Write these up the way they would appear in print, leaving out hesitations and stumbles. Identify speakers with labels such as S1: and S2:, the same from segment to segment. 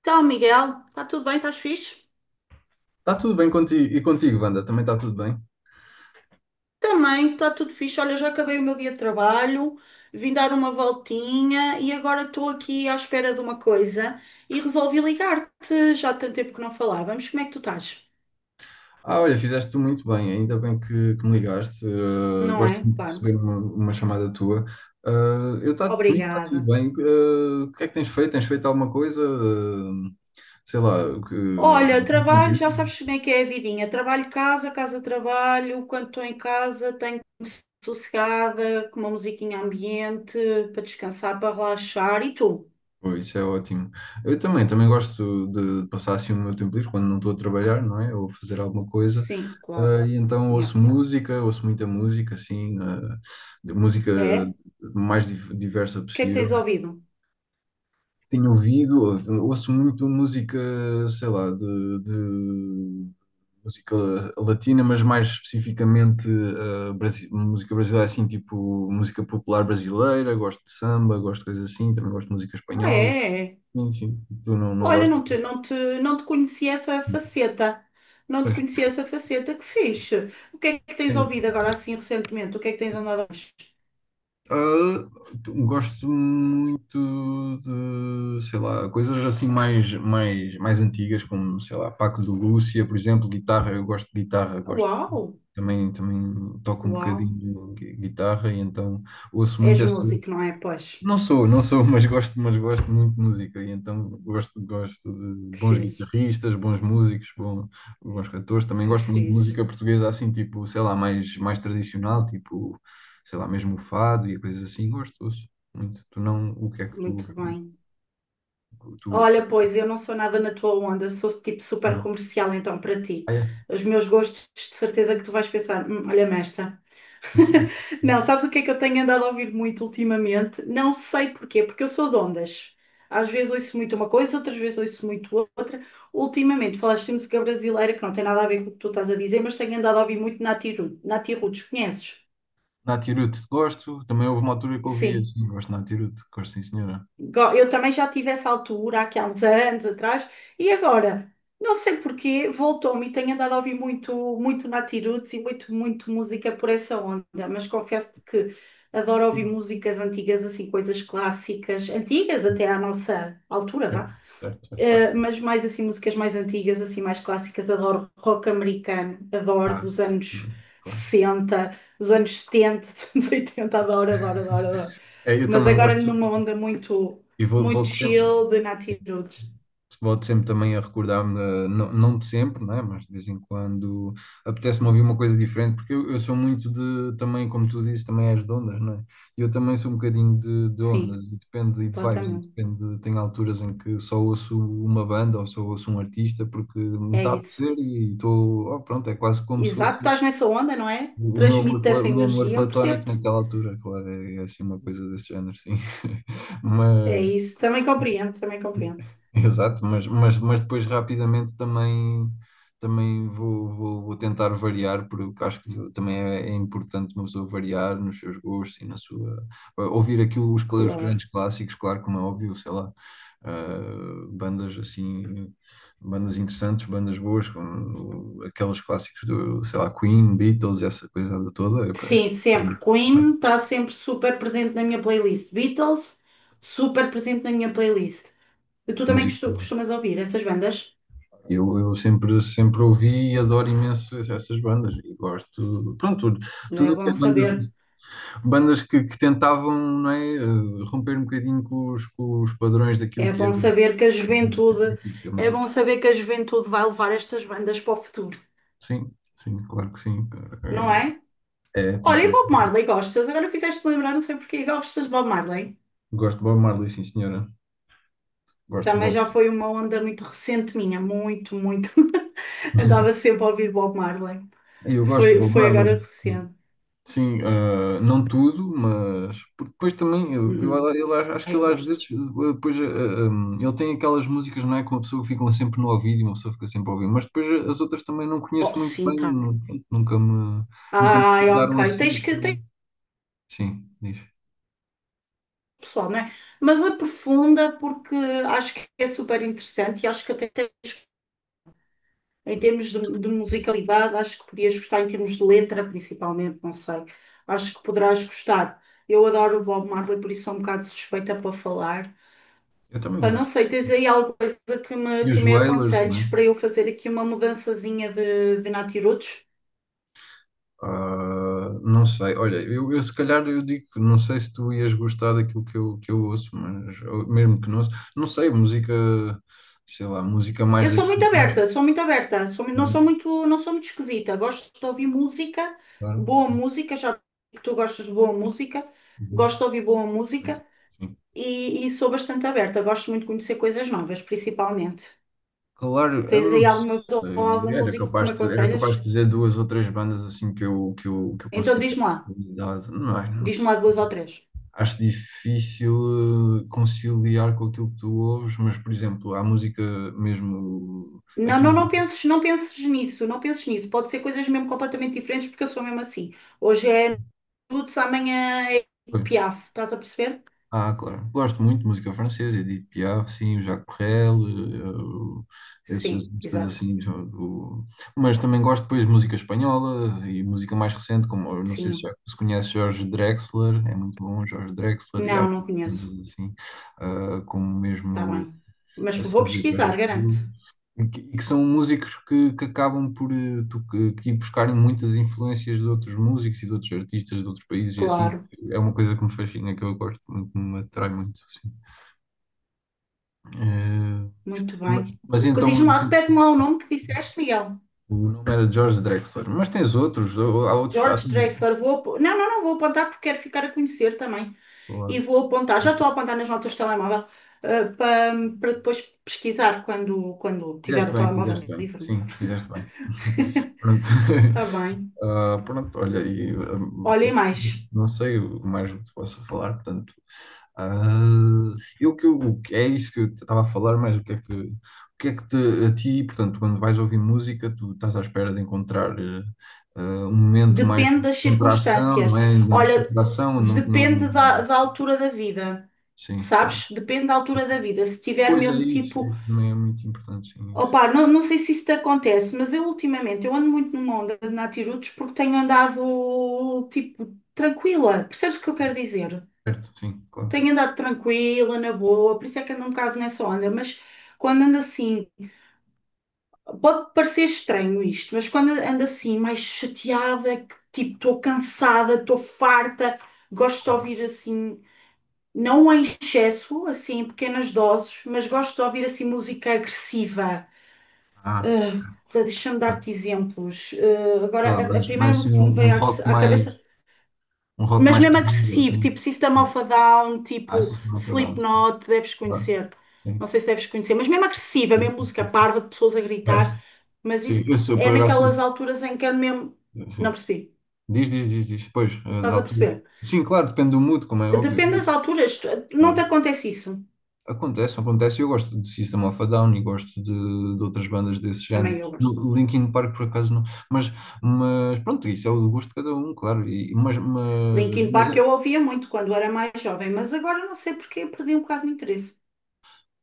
S1: Então, Miguel, está tudo bem? Estás fixe?
S2: Está tudo bem contigo. E contigo, Wanda, também está tudo bem?
S1: Também, está tudo fixe. Olha, já acabei o meu dia de trabalho, vim dar uma voltinha e agora estou aqui à espera de uma coisa e resolvi ligar-te. Já há tanto tempo que não falávamos. Como é que tu estás?
S2: Ah, olha, fizeste tu muito bem, ainda bem que me ligaste.
S1: Não
S2: Gosto
S1: é?
S2: muito de
S1: Claro.
S2: receber uma chamada tua. Eh, Comigo está tudo
S1: Obrigada.
S2: bem. O que é que tens feito? Tens feito alguma coisa? Sei lá, o que.
S1: Olha, trabalho, já sabes como é que é a vidinha. Trabalho, casa, casa, trabalho. Quando estou em casa, tenho sossegada, com uma musiquinha ambiente, para descansar, para relaxar. E tu?
S2: Pô, isso é ótimo. Eu também gosto de passar assim o meu tempo livre quando não estou a trabalhar, não é? Ou a fazer alguma coisa.
S1: Sim, claro.
S2: Ah, e então ouço
S1: Yeah.
S2: música, ouço muita música, assim, de música
S1: É?
S2: mais diversa
S1: O que é que
S2: possível.
S1: tens ouvido?
S2: Tenho ouvido, ouço muito música, sei lá, de música latina, mas mais especificamente música brasileira, assim, tipo música popular brasileira, gosto de samba, gosto de coisas assim, também gosto de música
S1: Ah,
S2: espanhola.
S1: é? É.
S2: Sim, sim. Tu não
S1: Olha,
S2: gostas?
S1: não te conhecia essa faceta. Não te
S2: Pois.
S1: conhecia essa faceta. Que fixe. O que é que tens
S2: É.
S1: ouvido agora, assim, recentemente? O que é que tens andado a ouvir?
S2: Ah, gosto muito de, sei lá, coisas assim mais antigas, como, sei lá, Paco de Lúcia, por exemplo, guitarra. Eu gosto de guitarra, gosto.
S1: Uau!
S2: Também toco um
S1: Uau!
S2: bocadinho de guitarra e então ouço muito
S1: És
S2: essa.
S1: músico, não é? Pois.
S2: Não sou, mas gosto muito de música e então gosto de
S1: Que
S2: bons
S1: fixe.
S2: guitarristas, bons músicos, bons cantores. Também
S1: Que
S2: gosto muito de
S1: fixe.
S2: música portuguesa assim, tipo, sei lá, mais tradicional, tipo, sei lá, mesmo o fado e coisas assim. Gosto, ouço muito. Tu não, o que é que tu
S1: Muito
S2: ouves mais?
S1: bem.
S2: Tu,
S1: Olha, pois, eu não sou nada na tua onda. Sou tipo super
S2: não.
S1: comercial, então, para ti.
S2: Ah, é?
S1: Os meus gostos, de certeza que tu vais pensar, olha-me esta."
S2: Sim.
S1: Não, sabes o que é que eu tenho andado a ouvir muito ultimamente? Não sei porquê, porque eu sou de ondas. Às vezes ouço muito uma coisa, outras vezes ouço muito outra. Ultimamente falaste de música brasileira, que não tem nada a ver com o que tu estás a dizer, mas tenho andado a ouvir muito Nati Roots. Conheces?
S2: Nath Hiruto, gosto. Também houve uma altura que ouvia,
S1: Sim.
S2: sim, gosto de Nath Hiruto, gosto sim, senhora.
S1: Eu também já tive essa altura, aqui há uns anos atrás, e agora, não sei porquê, voltou-me e tenho andado a ouvir muito, muito Nati Roots e muito, muito música por essa onda, mas confesso-te que adoro ouvir
S2: Sim,
S1: músicas antigas, assim, coisas clássicas, antigas até à nossa altura,
S2: certo,
S1: vá.
S2: certo, certo, pá.
S1: Mas mais assim, músicas mais antigas, assim, mais clássicas, adoro rock americano, adoro
S2: Ah,
S1: dos anos
S2: também, claro.
S1: 60 dos anos 70 dos anos 80 adoro, adoro, adoro, adoro.
S2: É, eu
S1: Mas
S2: também
S1: agora
S2: gosto
S1: ando numa
S2: sempre.
S1: onda muito,
S2: E
S1: muito
S2: volto sempre.
S1: chill de Nati Roots.
S2: Volto sempre também a recordar-me, não, não de sempre, né? Mas de vez em quando apetece-me ouvir
S1: Sim,
S2: uma coisa diferente, porque eu sou muito de, também, como tu dizes, também és de ondas, não é? Eu também sou um bocadinho de ondas,
S1: sim,
S2: e depende, e de vibes, e
S1: completamente.
S2: depende, tem alturas em que só ouço uma banda ou só ouço um artista, porque me
S1: É
S2: está a
S1: isso.
S2: apetecer e estou, oh, pronto, é quase como se
S1: Exato,
S2: fosse
S1: estás nessa onda, não é?
S2: o meu amor,
S1: Transmite
S2: o
S1: essa
S2: meu amor
S1: energia, eu
S2: platónico
S1: percebo-te.
S2: naquela altura, claro, é assim uma coisa desse género, sim.
S1: É
S2: mas
S1: isso, também compreendo, também compreendo.
S2: Exato, mas depois rapidamente também vou tentar variar, porque acho que também é importante uma pessoa variar nos seus gostos e na sua. Ouvir aquilo, os
S1: Claro.
S2: grandes clássicos, claro, como é óbvio, sei lá, bandas assim, bandas interessantes, bandas boas, como aqueles clássicos do, sei lá, Queen, Beatles, essa coisa toda, é, é,
S1: Sim, sempre. Queen está sempre super presente na minha playlist. Beatles, super presente na minha playlist. E tu também
S2: música.
S1: costumas ouvir essas bandas?
S2: Eu sempre ouvi e adoro imenso essas bandas e gosto, pronto, tudo
S1: É
S2: tudo o que é
S1: bom
S2: bandas,
S1: saber.
S2: bandas que tentavam, não é, romper um bocadinho com os padrões daquilo
S1: É
S2: que
S1: bom
S2: era
S1: saber que a juventude,
S2: a
S1: É bom
S2: música.
S1: saber que a juventude vai levar estas bandas para o futuro,
S2: Sim, sim, claro que sim.
S1: não
S2: Eh,
S1: é?
S2: É, tens
S1: Olha, e
S2: todo.
S1: Bob Marley, gostas? Agora fizeste lembrar, não sei porquê, gostas de Bob Marley?
S2: Gosto de Bob Marley, sim, senhora. Gosto de
S1: Também
S2: Bob.
S1: já foi uma onda muito recente minha, muito, muito. Andava sempre a ouvir Bob Marley.
S2: Eu gosto de
S1: Foi,
S2: Bob
S1: foi
S2: Marley.
S1: agora recente.
S2: Sim, ah, não tudo, mas porque depois também
S1: Uhum.
S2: ele acho
S1: Ah,
S2: que
S1: eu
S2: ele às
S1: gosto.
S2: vezes depois ele tem aquelas músicas, não é? Que uma pessoa fica um sempre no ouvido e uma pessoa fica sempre a ouvir, mas depois as outras também não
S1: Oh,
S2: conheço muito
S1: sim,
S2: bem,
S1: tá.
S2: pronto, nunca me
S1: Ai, ok.
S2: ficaram assim.
S1: Tens
S2: Então. Sim, diz.
S1: pessoal, não é? Mas aprofunda porque acho que é super interessante e acho que até tens, em termos de, musicalidade, acho que podias gostar em termos de letra, principalmente, não sei. Acho que poderás gostar. Eu adoro o Bob Marley, por isso sou um bocado suspeita para falar.
S2: Eu também
S1: Pá, não
S2: gosto.
S1: sei, tens aí alguma coisa que me,
S2: E
S1: que
S2: os
S1: me
S2: Wailers, não é?
S1: aconselhes para eu fazer aqui uma mudançazinha de natirutos?
S2: Ah, não sei, olha, eu se calhar eu digo, que não sei se tu ias gostar daquilo que eu ouço, mas ou mesmo que não ouço, não sei, música sei lá, música
S1: Eu
S2: mais daqui.
S1: sou muito aberta, não sou
S2: Pronto,
S1: muito, não sou muito esquisita. Gosto de ouvir música,
S2: claro
S1: boa
S2: sim.
S1: música, já que tu gostas de boa música, gosto
S2: Uhum.
S1: de ouvir boa música
S2: Sim.
S1: e sou bastante aberta. Gosto muito de conhecer coisas novas, principalmente.
S2: Claro, eu
S1: Tens
S2: não
S1: aí alguma pessoa ou
S2: sei.
S1: algum
S2: Era
S1: músico que me
S2: capaz de, era capaz
S1: aconselhas?
S2: de dizer duas ou três bandas assim que eu
S1: Então
S2: considero qualidade. Não, não
S1: diz-me
S2: sei.
S1: lá duas ou três.
S2: Acho difícil conciliar com aquilo que tu ouves, mas, por exemplo, há música mesmo
S1: Não,
S2: aqui.
S1: não, não penses, não penses nisso, não penses nisso. Pode ser coisas mesmo completamente diferentes, porque eu sou mesmo assim. Hoje é Lutz, amanhã é Piaf, estás a perceber?
S2: Ah, claro. Gosto muito de música francesa, Edith Piaf, sim, o Jacques Brel, esses
S1: Sim,
S2: artistas
S1: exato.
S2: assim. Mas também gosto depois de música espanhola e música mais recente, como eu não sei se já
S1: Sim.
S2: se conhece Jorge Drexler, é muito bom, Jorge Drexler, e há
S1: Não,
S2: outros
S1: não conheço.
S2: bandas assim, como
S1: Está
S2: mesmo
S1: bem. Mas
S2: a
S1: vou
S2: Silvia
S1: pesquisar,
S2: Pérez
S1: garanto.
S2: Cruz. E que são músicos que acabam por eh, tu- que ir buscarem muitas influências de outros músicos e de outros artistas de outros países e assim.
S1: Claro.
S2: É uma coisa que me fascina, que eu gosto muito, que me atrai muito, assim. Eh,
S1: Muito
S2: mas,
S1: bem.
S2: mas
S1: O que
S2: então,
S1: Diz-me
S2: e
S1: lá,
S2: tu?
S1: repete-me lá o nome que disseste, Miguel.
S2: O nome era George Drexler, mas tens outros, há outros, há
S1: George
S2: também.
S1: Drexler, não, não, não, vou apontar porque quero ficar a conhecer também. E
S2: Boa.
S1: vou apontar, já estou a apontar nas notas do telemóvel, eh, para para depois pesquisar quando, quando tiver o telemóvel
S2: Fizeste bem,
S1: livre.
S2: sim, fizeste bem. Pronto,
S1: Está bem.
S2: Ah, pronto, olha,
S1: Olhem mais.
S2: não sei o mais o que posso falar, portanto. Ah, eu que eu- o que- É isso que eu estava a falar, mas o que é que te, a ti, portanto, quando vais ouvir música, tu estás à espera de encontrar ah, um momento mais
S1: Depende
S2: de
S1: das
S2: contração,
S1: circunstâncias.
S2: não é? De
S1: Olha,
S2: descontração, não, não,
S1: depende da altura da vida,
S2: sim, claro.
S1: sabes? Depende da altura da vida. Se tiver
S2: Pois é
S1: mesmo
S2: isso,
S1: tipo,
S2: isso também é muito importante, sim, isso.
S1: opá, não, não sei se isso te acontece, mas eu ultimamente eu ando muito numa onda de natirutos porque tenho andado tipo tranquila. Percebes o que eu quero dizer?
S2: Certo, sim, claro.
S1: Tenho andado tranquila, na boa, por isso é que ando um bocado nessa onda, mas quando ando assim. Pode parecer estranho isto, mas quando ando assim mais chateada, que tipo, estou cansada, estou farta, gosto de ouvir assim, não em excesso, assim, em pequenas doses, mas gosto de ouvir assim música agressiva.
S2: Ah,
S1: Ah, deixa-me
S2: tá.
S1: dar-te exemplos. Ah,
S2: Sei lá,
S1: agora, a
S2: mas
S1: primeira
S2: mais assim,
S1: música que me veio à, à cabeça
S2: um rock
S1: mas
S2: mais
S1: mesmo
S2: pesado,
S1: agressivo,
S2: assim.
S1: tipo System of a Down, tipo
S2: System of a Down,
S1: Slipknot, deves
S2: claro.
S1: conhecer.
S2: Sim,
S1: Não sei se deves conhecer, mas mesmo agressiva,
S2: sim,
S1: mesmo
S2: sim.
S1: música
S2: Sim.
S1: parva de pessoas a
S2: É.
S1: gritar, mas
S2: Sim,
S1: isso
S2: eu sou,
S1: é
S2: por acaso.
S1: naquelas alturas em que ando mesmo. Não
S2: Sim.
S1: percebi.
S2: Diz, diz, diz, diz. Pois, as
S1: Estás a
S2: alturas.
S1: perceber?
S2: Sim, claro, depende do mood, como é óbvio.
S1: Depende das alturas, não te
S2: Claro.
S1: acontece isso.
S2: Acontece, acontece. Eu gosto de System of a Down e gosto de outras bandas desse género.
S1: Também eu gosto.
S2: Linkin Park, por acaso, não. Mas, mas pronto, isso é o gosto de cada um, claro. E, mas, mas,
S1: Linkin
S2: mas
S1: Park
S2: é.
S1: eu ouvia muito quando era mais jovem, mas agora não sei porque perdi um bocado de interesse.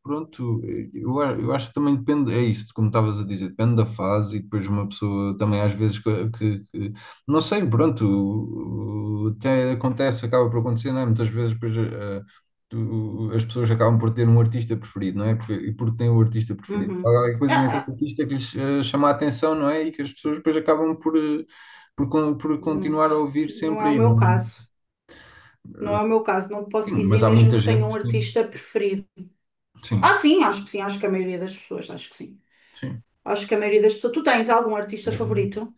S2: Pronto, eu acho que também depende, é isso, como estavas a dizer, depende da fase e depois uma pessoa também às vezes não sei, pronto, até acontece, acaba por acontecer, não é? Muitas vezes depois as pessoas acabam por ter um artista preferido, não é? Porque, e porque têm o artista preferido. Há
S1: Uhum.
S2: qualquer
S1: Ah,
S2: coisa naquele
S1: ah,
S2: artista que lhes chama a atenção, não é? E que as pessoas depois acabam por
S1: não,
S2: continuar a ouvir
S1: não é
S2: sempre
S1: o
S2: aí, não
S1: meu
S2: é?
S1: caso. Não é o meu caso. Não posso
S2: Sim, mas
S1: dizer
S2: há
S1: mesmo
S2: muita
S1: que tenho um
S2: gente, que sim,
S1: artista preferido. Ah, sim, acho que a maioria das pessoas, acho que sim.
S2: sim,
S1: Acho que a maioria das pessoas. Tu tens algum artista
S2: sim.
S1: favorito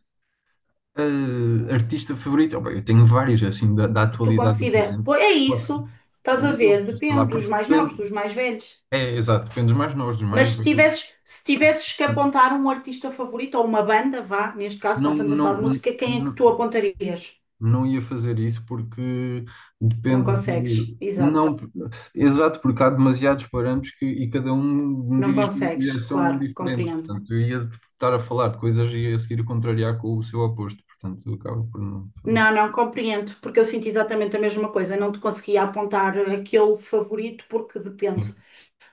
S2: Artista favorito? Oh, bem, eu tenho vários, assim, da
S1: que tu
S2: atualidade do
S1: considera.
S2: presente.
S1: Pô, é
S2: Posso?
S1: isso, estás a ver,
S2: Não, sei lá,
S1: depende dos
S2: porque
S1: mais novos,
S2: depende.
S1: dos mais velhos.
S2: É, exato, depende dos mais novos, dos
S1: Mas
S2: mais
S1: se
S2: velhos.
S1: tivesses, se tivesses que apontar um artista favorito ou uma banda, vá, neste caso,
S2: Não,
S1: como estamos a falar de
S2: não,
S1: música, quem é que tu
S2: não,
S1: apontarias?
S2: não ia fazer isso porque
S1: Não
S2: depende
S1: consegues,
S2: de.
S1: exato.
S2: Não, exato, porque há demasiados parâmetros que, e cada um me
S1: Não
S2: dirige numa
S1: consegues,
S2: direção
S1: claro,
S2: diferente.
S1: compreendo.
S2: Portanto, eu ia estar a falar de coisas e ia a seguir contrariar com o seu oposto. Portanto, acaba por não.
S1: Não, não compreendo, porque eu sinto exatamente a mesma coisa. Não te conseguia apontar aquele favorito porque depende.
S2: Sim,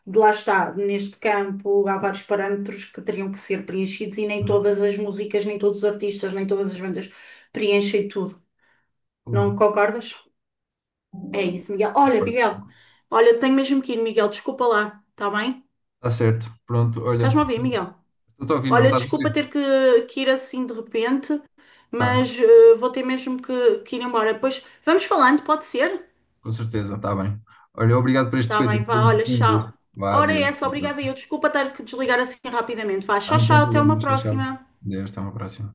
S1: De Lá está, neste campo há vários parâmetros que teriam que ser preenchidos e nem todas as músicas, nem todos os artistas, nem todas as bandas preenchem tudo. Não concordas? É isso, Miguel. Olha,
S2: claro.
S1: Miguel, olha, tenho mesmo que ir, Miguel, desculpa lá, está bem?
S2: Está certo. Pronto,
S1: Estás-me
S2: olha.
S1: a ouvir, Miguel?
S2: Estou a ouvir, não me
S1: Olha,
S2: estás a
S1: desculpa ter
S2: ouvir?
S1: que ir assim de repente,
S2: Tá,
S1: mas vou ter mesmo que ir embora. Depois vamos falando, pode ser?
S2: com certeza, está bem. Olha, obrigado por este
S1: Está bem,
S2: bocadinho.
S1: vá, olha,
S2: Foi um
S1: tchau.
S2: gosto. Vá,
S1: A hora é
S2: adeus.
S1: essa,
S2: Adeus.
S1: obrigada eu. Desculpa ter que desligar assim rapidamente. Vá,
S2: Ah,
S1: tchau,
S2: não tem
S1: tchau, até
S2: problema,
S1: uma
S2: tchau. Tchau.
S1: próxima.
S2: Adeus, até uma próxima.